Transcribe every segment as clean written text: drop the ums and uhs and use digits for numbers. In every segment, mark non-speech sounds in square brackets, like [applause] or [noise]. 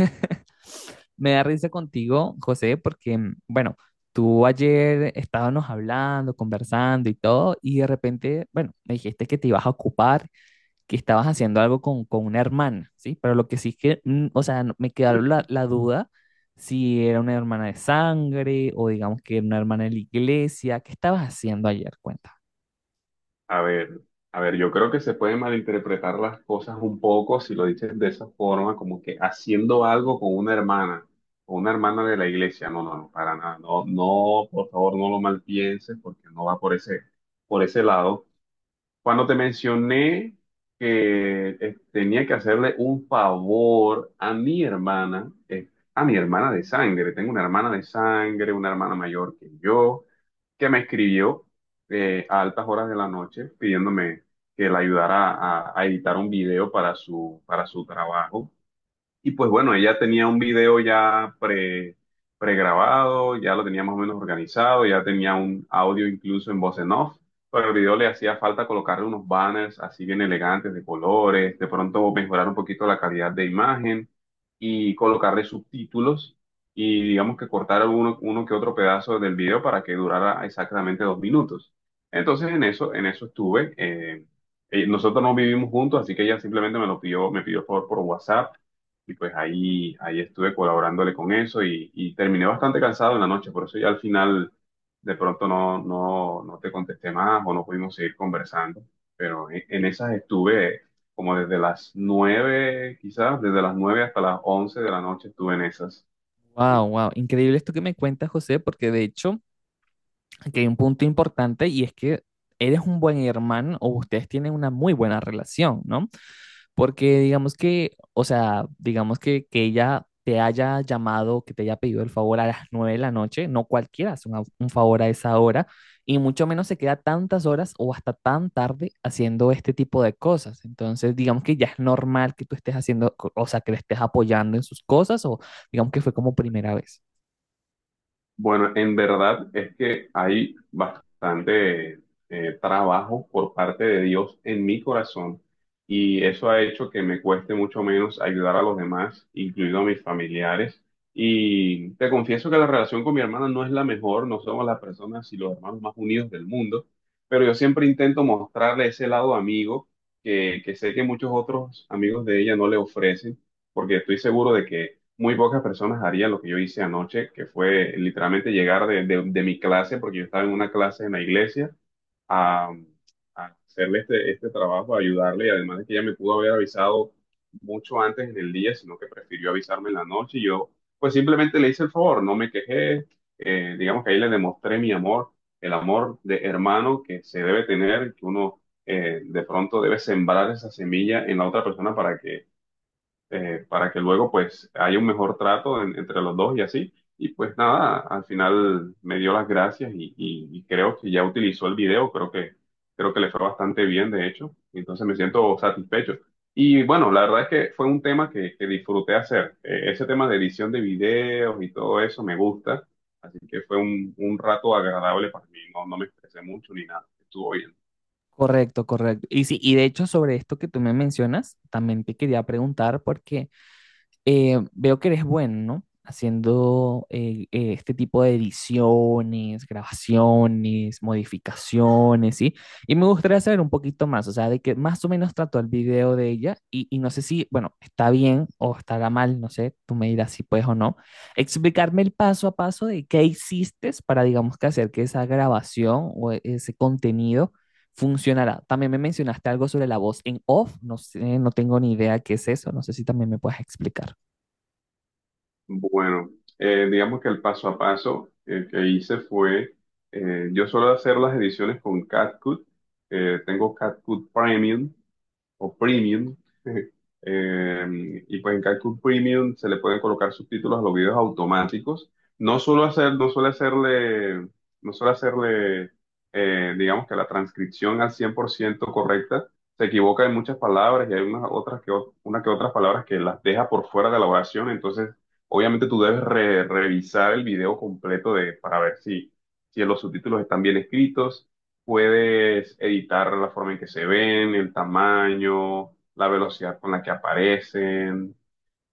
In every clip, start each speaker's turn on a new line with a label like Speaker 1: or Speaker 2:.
Speaker 1: [laughs] Me da risa contigo, José, porque, bueno, tú ayer Estábamos hablando, conversando y todo, y de repente, bueno, me dijiste que te ibas a ocupar, que estabas haciendo algo con una hermana, ¿sí? Pero lo que sí es que, o sea, me quedó la duda si era una hermana de sangre o digamos que era una hermana de la iglesia. ¿Qué estabas haciendo ayer? Cuenta.
Speaker 2: A ver, a ver, yo creo que se pueden malinterpretar las cosas un poco si lo dices de esa forma, como que haciendo algo con una hermana de la iglesia. No, no, no, para nada. No, no, por favor, no lo malpienses porque no va por ese lado. Cuando te mencioné que tenía que hacerle un favor a mi hermana de sangre, tengo una hermana de sangre, una hermana mayor que yo, que me escribió a altas horas de la noche pidiéndome que la ayudara a editar un video para para su trabajo. Y pues bueno, ella tenía un video ya pregrabado, ya lo tenía más o menos organizado, ya tenía un audio incluso en voz en off, pero al video le hacía falta colocarle unos banners así bien elegantes de colores, de pronto mejorar un poquito la calidad de imagen y colocarle subtítulos y digamos que cortar uno que otro pedazo del video para que durara exactamente 2 minutos. Entonces en eso estuve. Nosotros no vivimos juntos, así que ella simplemente me lo pidió, me pidió por WhatsApp y pues ahí estuve colaborándole con eso y terminé bastante cansado en la noche, por eso ya al final de pronto no te contesté más o no pudimos seguir conversando, pero en esas estuve como desde las 9, quizás, desde las 9 hasta las 11 de la noche estuve en esas.
Speaker 1: Wow,
Speaker 2: Sí.
Speaker 1: wow, increíble esto que me cuentas, José, porque de hecho... Aquí hay un punto importante y es que eres un buen hermano o ustedes tienen una muy buena relación, ¿no? Porque digamos que, o sea, digamos que ella te haya llamado, que te haya pedido el favor a las 9 de la noche, no cualquiera hace un favor a esa hora y mucho menos se queda tantas horas o hasta tan tarde haciendo este tipo de cosas. Entonces, digamos que ya es normal que tú estés haciendo, o sea, que le estés apoyando en sus cosas o digamos que fue como primera vez.
Speaker 2: Bueno, en verdad es que hay bastante trabajo por parte de Dios en mi corazón y eso ha hecho que me cueste mucho menos ayudar a los demás, incluido a mis familiares. Y te confieso que la relación con mi hermana no es la mejor, no somos las personas y los hermanos más unidos del mundo, pero yo siempre intento mostrarle ese lado amigo que sé que muchos otros amigos de ella no le ofrecen, porque estoy seguro de que muy pocas personas harían lo que yo hice anoche, que fue literalmente llegar de mi clase, porque yo estaba en una clase en la iglesia, a, a hacerle este trabajo, a ayudarle, y además de que ella me pudo haber avisado mucho antes en el día, sino que prefirió avisarme en la noche, y yo pues simplemente le hice el favor, no me quejé, digamos que ahí le demostré mi amor, el amor de hermano que se debe tener, que uno de pronto debe sembrar esa semilla en la otra persona para que luego pues haya un mejor trato entre los dos y así. Y pues nada, al final me dio las gracias y creo que ya utilizó el video, creo que le fue bastante bien de hecho, entonces me siento satisfecho. Y bueno, la verdad es que fue un tema que disfruté hacer. Ese tema de edición de videos y todo eso me gusta, así que fue un rato agradable para mí, no, no me estresé mucho ni nada, estuvo bien.
Speaker 1: Correcto, correcto. Y sí, y de hecho sobre esto que tú me mencionas, también te quería preguntar porque veo que eres bueno, ¿no? Haciendo este tipo de ediciones, grabaciones, modificaciones, ¿sí? Y me gustaría saber un poquito más, o sea, de que más o menos trató el video de ella y no sé si, bueno, está bien o estará mal, no sé, tú me dirás si puedes o no, explicarme el paso a paso de qué hiciste para, digamos, que hacer que esa grabación o ese contenido funcionará. También me mencionaste algo sobre la voz en off, no sé, no tengo ni idea qué es eso, no sé si también me puedes explicar.
Speaker 2: Bueno, digamos que el paso a paso que hice fue, yo suelo hacer las ediciones con CapCut, tengo CapCut Premium o premium. [laughs] Y pues en CapCut Premium se le pueden colocar subtítulos a los videos automáticos. No suelo hacer, no suele hacerle, no suele hacerle, Digamos que la transcripción al 100% correcta. Se equivoca en muchas palabras y hay unas otras que, una que otras palabras que las deja por fuera de la oración. Entonces, obviamente tú debes revisar el video completo de, para ver si, si los subtítulos están bien escritos. Puedes editar la forma en que se ven, el tamaño, la velocidad con la que aparecen.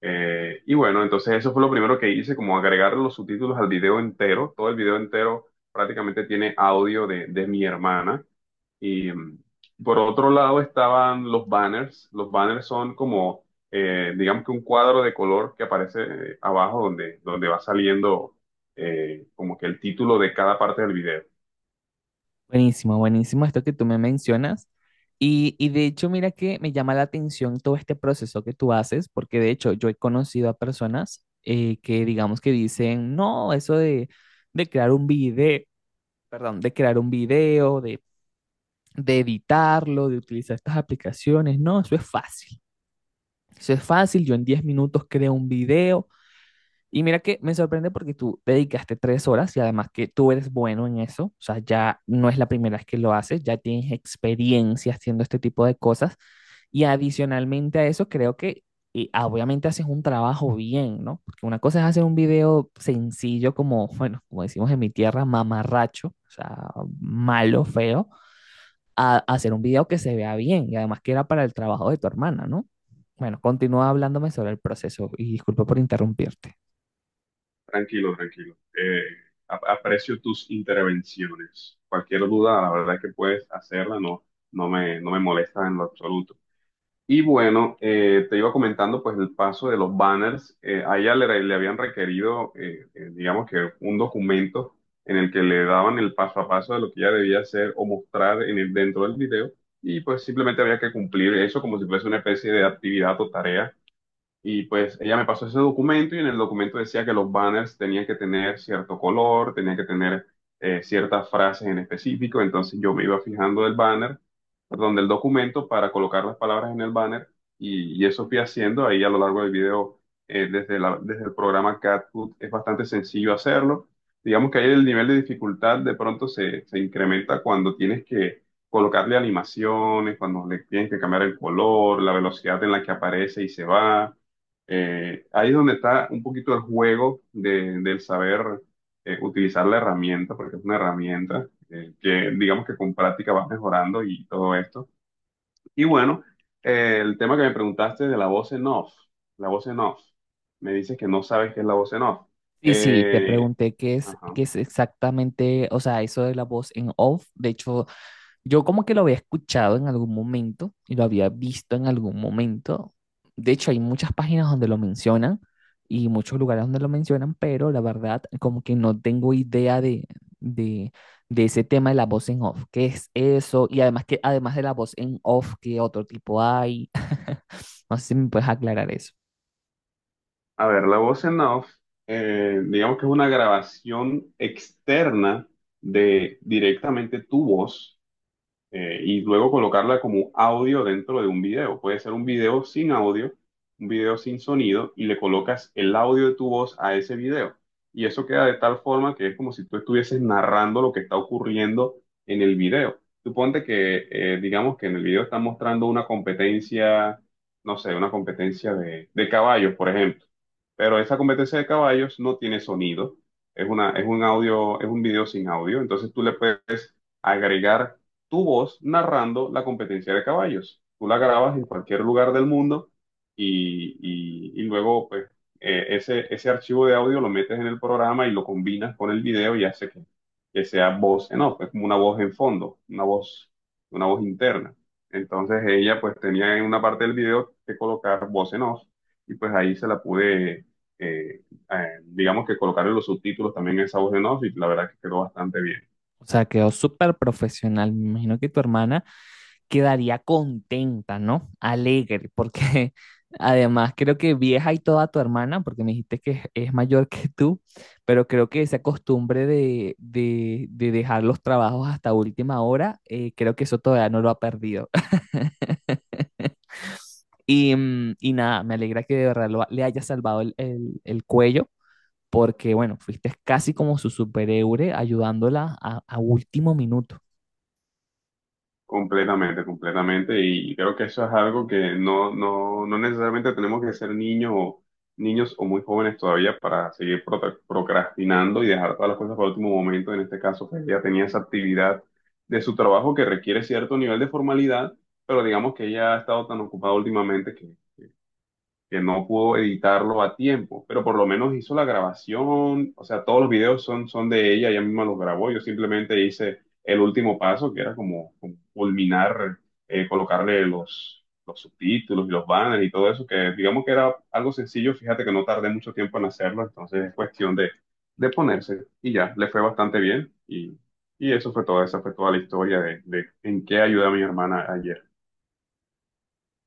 Speaker 2: Y bueno, entonces eso fue lo primero que hice, como agregar los subtítulos al video entero. Todo el video entero prácticamente tiene audio de mi hermana. Y por otro lado estaban los banners. Los banners son como, digamos que un cuadro de color que aparece abajo donde va saliendo como que el título de cada parte del video.
Speaker 1: Buenísimo, buenísimo esto que tú me mencionas. Y de hecho, mira que me llama la atención todo este proceso que tú haces, porque de hecho yo he conocido a personas que digamos que dicen, no, de crear un video, perdón, de crear un video, de editarlo, de utilizar estas aplicaciones, no, eso es fácil. Eso es fácil, yo en 10 minutos creo un video, y mira que me sorprende porque tú dedicaste 3 horas y además que tú eres bueno en eso, o sea, ya no es la primera vez que lo haces, ya tienes experiencia haciendo este tipo de cosas y adicionalmente a eso creo que obviamente haces un trabajo bien, ¿no? Porque una cosa es hacer un video sencillo como, bueno, como decimos en mi tierra, mamarracho, o sea, malo, feo, a hacer un video que se vea bien y además que era para el trabajo de tu hermana, ¿no? Bueno, continúa hablándome sobre el proceso y disculpa por interrumpirte.
Speaker 2: Tranquilo, tranquilo. Aprecio tus intervenciones. Cualquier duda, la verdad es que puedes hacerla, no, no me molesta en lo absoluto. Y bueno, te iba comentando pues el paso de los banners. A ella le habían requerido, digamos que un documento en el que le daban el paso a paso de lo que ella debía hacer o mostrar en el, dentro del video. Y pues simplemente había que cumplir eso como si fuese una especie de actividad o tarea y pues ella me pasó ese documento y en el documento decía que los banners tenían que tener cierto color, tenían que tener ciertas frases en específico. Entonces yo me iba fijando el banner, perdón, del documento para colocar las palabras en el banner y eso fui haciendo ahí a lo largo del video. Desde el programa CatFood es bastante sencillo hacerlo. Digamos que ahí el nivel de dificultad de pronto se incrementa cuando tienes que colocarle animaciones, cuando le tienes que cambiar el color, la velocidad en la que aparece y se va. Ahí es donde está un poquito el juego del saber utilizar la herramienta, porque es una herramienta que digamos que con práctica vas mejorando y todo esto. Y bueno, el tema que me preguntaste de la voz en off, la voz en off, me dices que no sabes qué es la voz en off.
Speaker 1: Sí, sí, te
Speaker 2: Eh,
Speaker 1: pregunté
Speaker 2: ajá.
Speaker 1: qué es exactamente, o sea, eso de la voz en off. De hecho, yo como que lo había escuchado en algún momento y lo había visto en algún momento. De hecho, hay muchas páginas donde lo mencionan y muchos lugares donde lo mencionan, pero la verdad como que no tengo idea de, de ese tema de la voz en off. ¿Qué es eso? Y además que además de la voz en off, ¿qué otro tipo hay? [laughs] No sé si me puedes aclarar eso.
Speaker 2: A ver, la voz en off, digamos que es una grabación externa de directamente tu voz y luego colocarla como audio dentro de un video. Puede ser un video sin audio, un video sin sonido, y le colocas el audio de tu voz a ese video. Y eso queda de tal forma que es como si tú estuvieses narrando lo que está ocurriendo en el video. Suponte que, digamos que en el video están mostrando una competencia, no sé, una competencia de caballos, por ejemplo. Pero esa competencia de caballos no tiene sonido. Es un audio, es un video sin audio. Entonces tú le puedes agregar tu voz narrando la competencia de caballos. Tú la grabas en cualquier lugar del mundo y, y luego pues, ese archivo de audio lo metes en el programa y lo combinas con el video y hace que sea voz en off, es como una voz en fondo, una voz interna. Entonces ella pues tenía en una parte del video que colocar voz en off y pues ahí se la pude, eh, digamos que colocar en los subtítulos también esa voz en off y la verdad que quedó bastante bien.
Speaker 1: O sea, quedó súper profesional. Me imagino que tu hermana quedaría contenta, ¿no? Alegre, porque [laughs] además creo que vieja y toda tu hermana, porque me dijiste que es mayor que tú, pero creo que esa costumbre de, de dejar los trabajos hasta última hora, creo que eso todavía no lo ha perdido. [laughs] Y, y nada, me alegra que de verdad le haya salvado el, el cuello, porque bueno, fuiste casi como su superhéroe ayudándola a último minuto.
Speaker 2: Completamente, completamente. Y creo que eso es algo que no, no, no necesariamente tenemos que ser niños o niños o muy jóvenes todavía para seguir procrastinando y dejar todas las cosas para el último momento. En este caso, pues ella tenía esa actividad de su trabajo que requiere cierto nivel de formalidad, pero digamos que ella ha estado tan ocupada últimamente que no pudo editarlo a tiempo, pero por lo menos hizo la grabación, o sea, todos los videos son de ella, ella misma los grabó, yo simplemente hice el último paso, que era como, como culminar, los subtítulos y los banners y todo eso, que digamos que era algo sencillo, fíjate que no tardé mucho tiempo en hacerlo, entonces es cuestión de ponerse y ya, le fue bastante bien y eso fue todo, esa fue toda la historia de en qué ayudé a mi hermana ayer.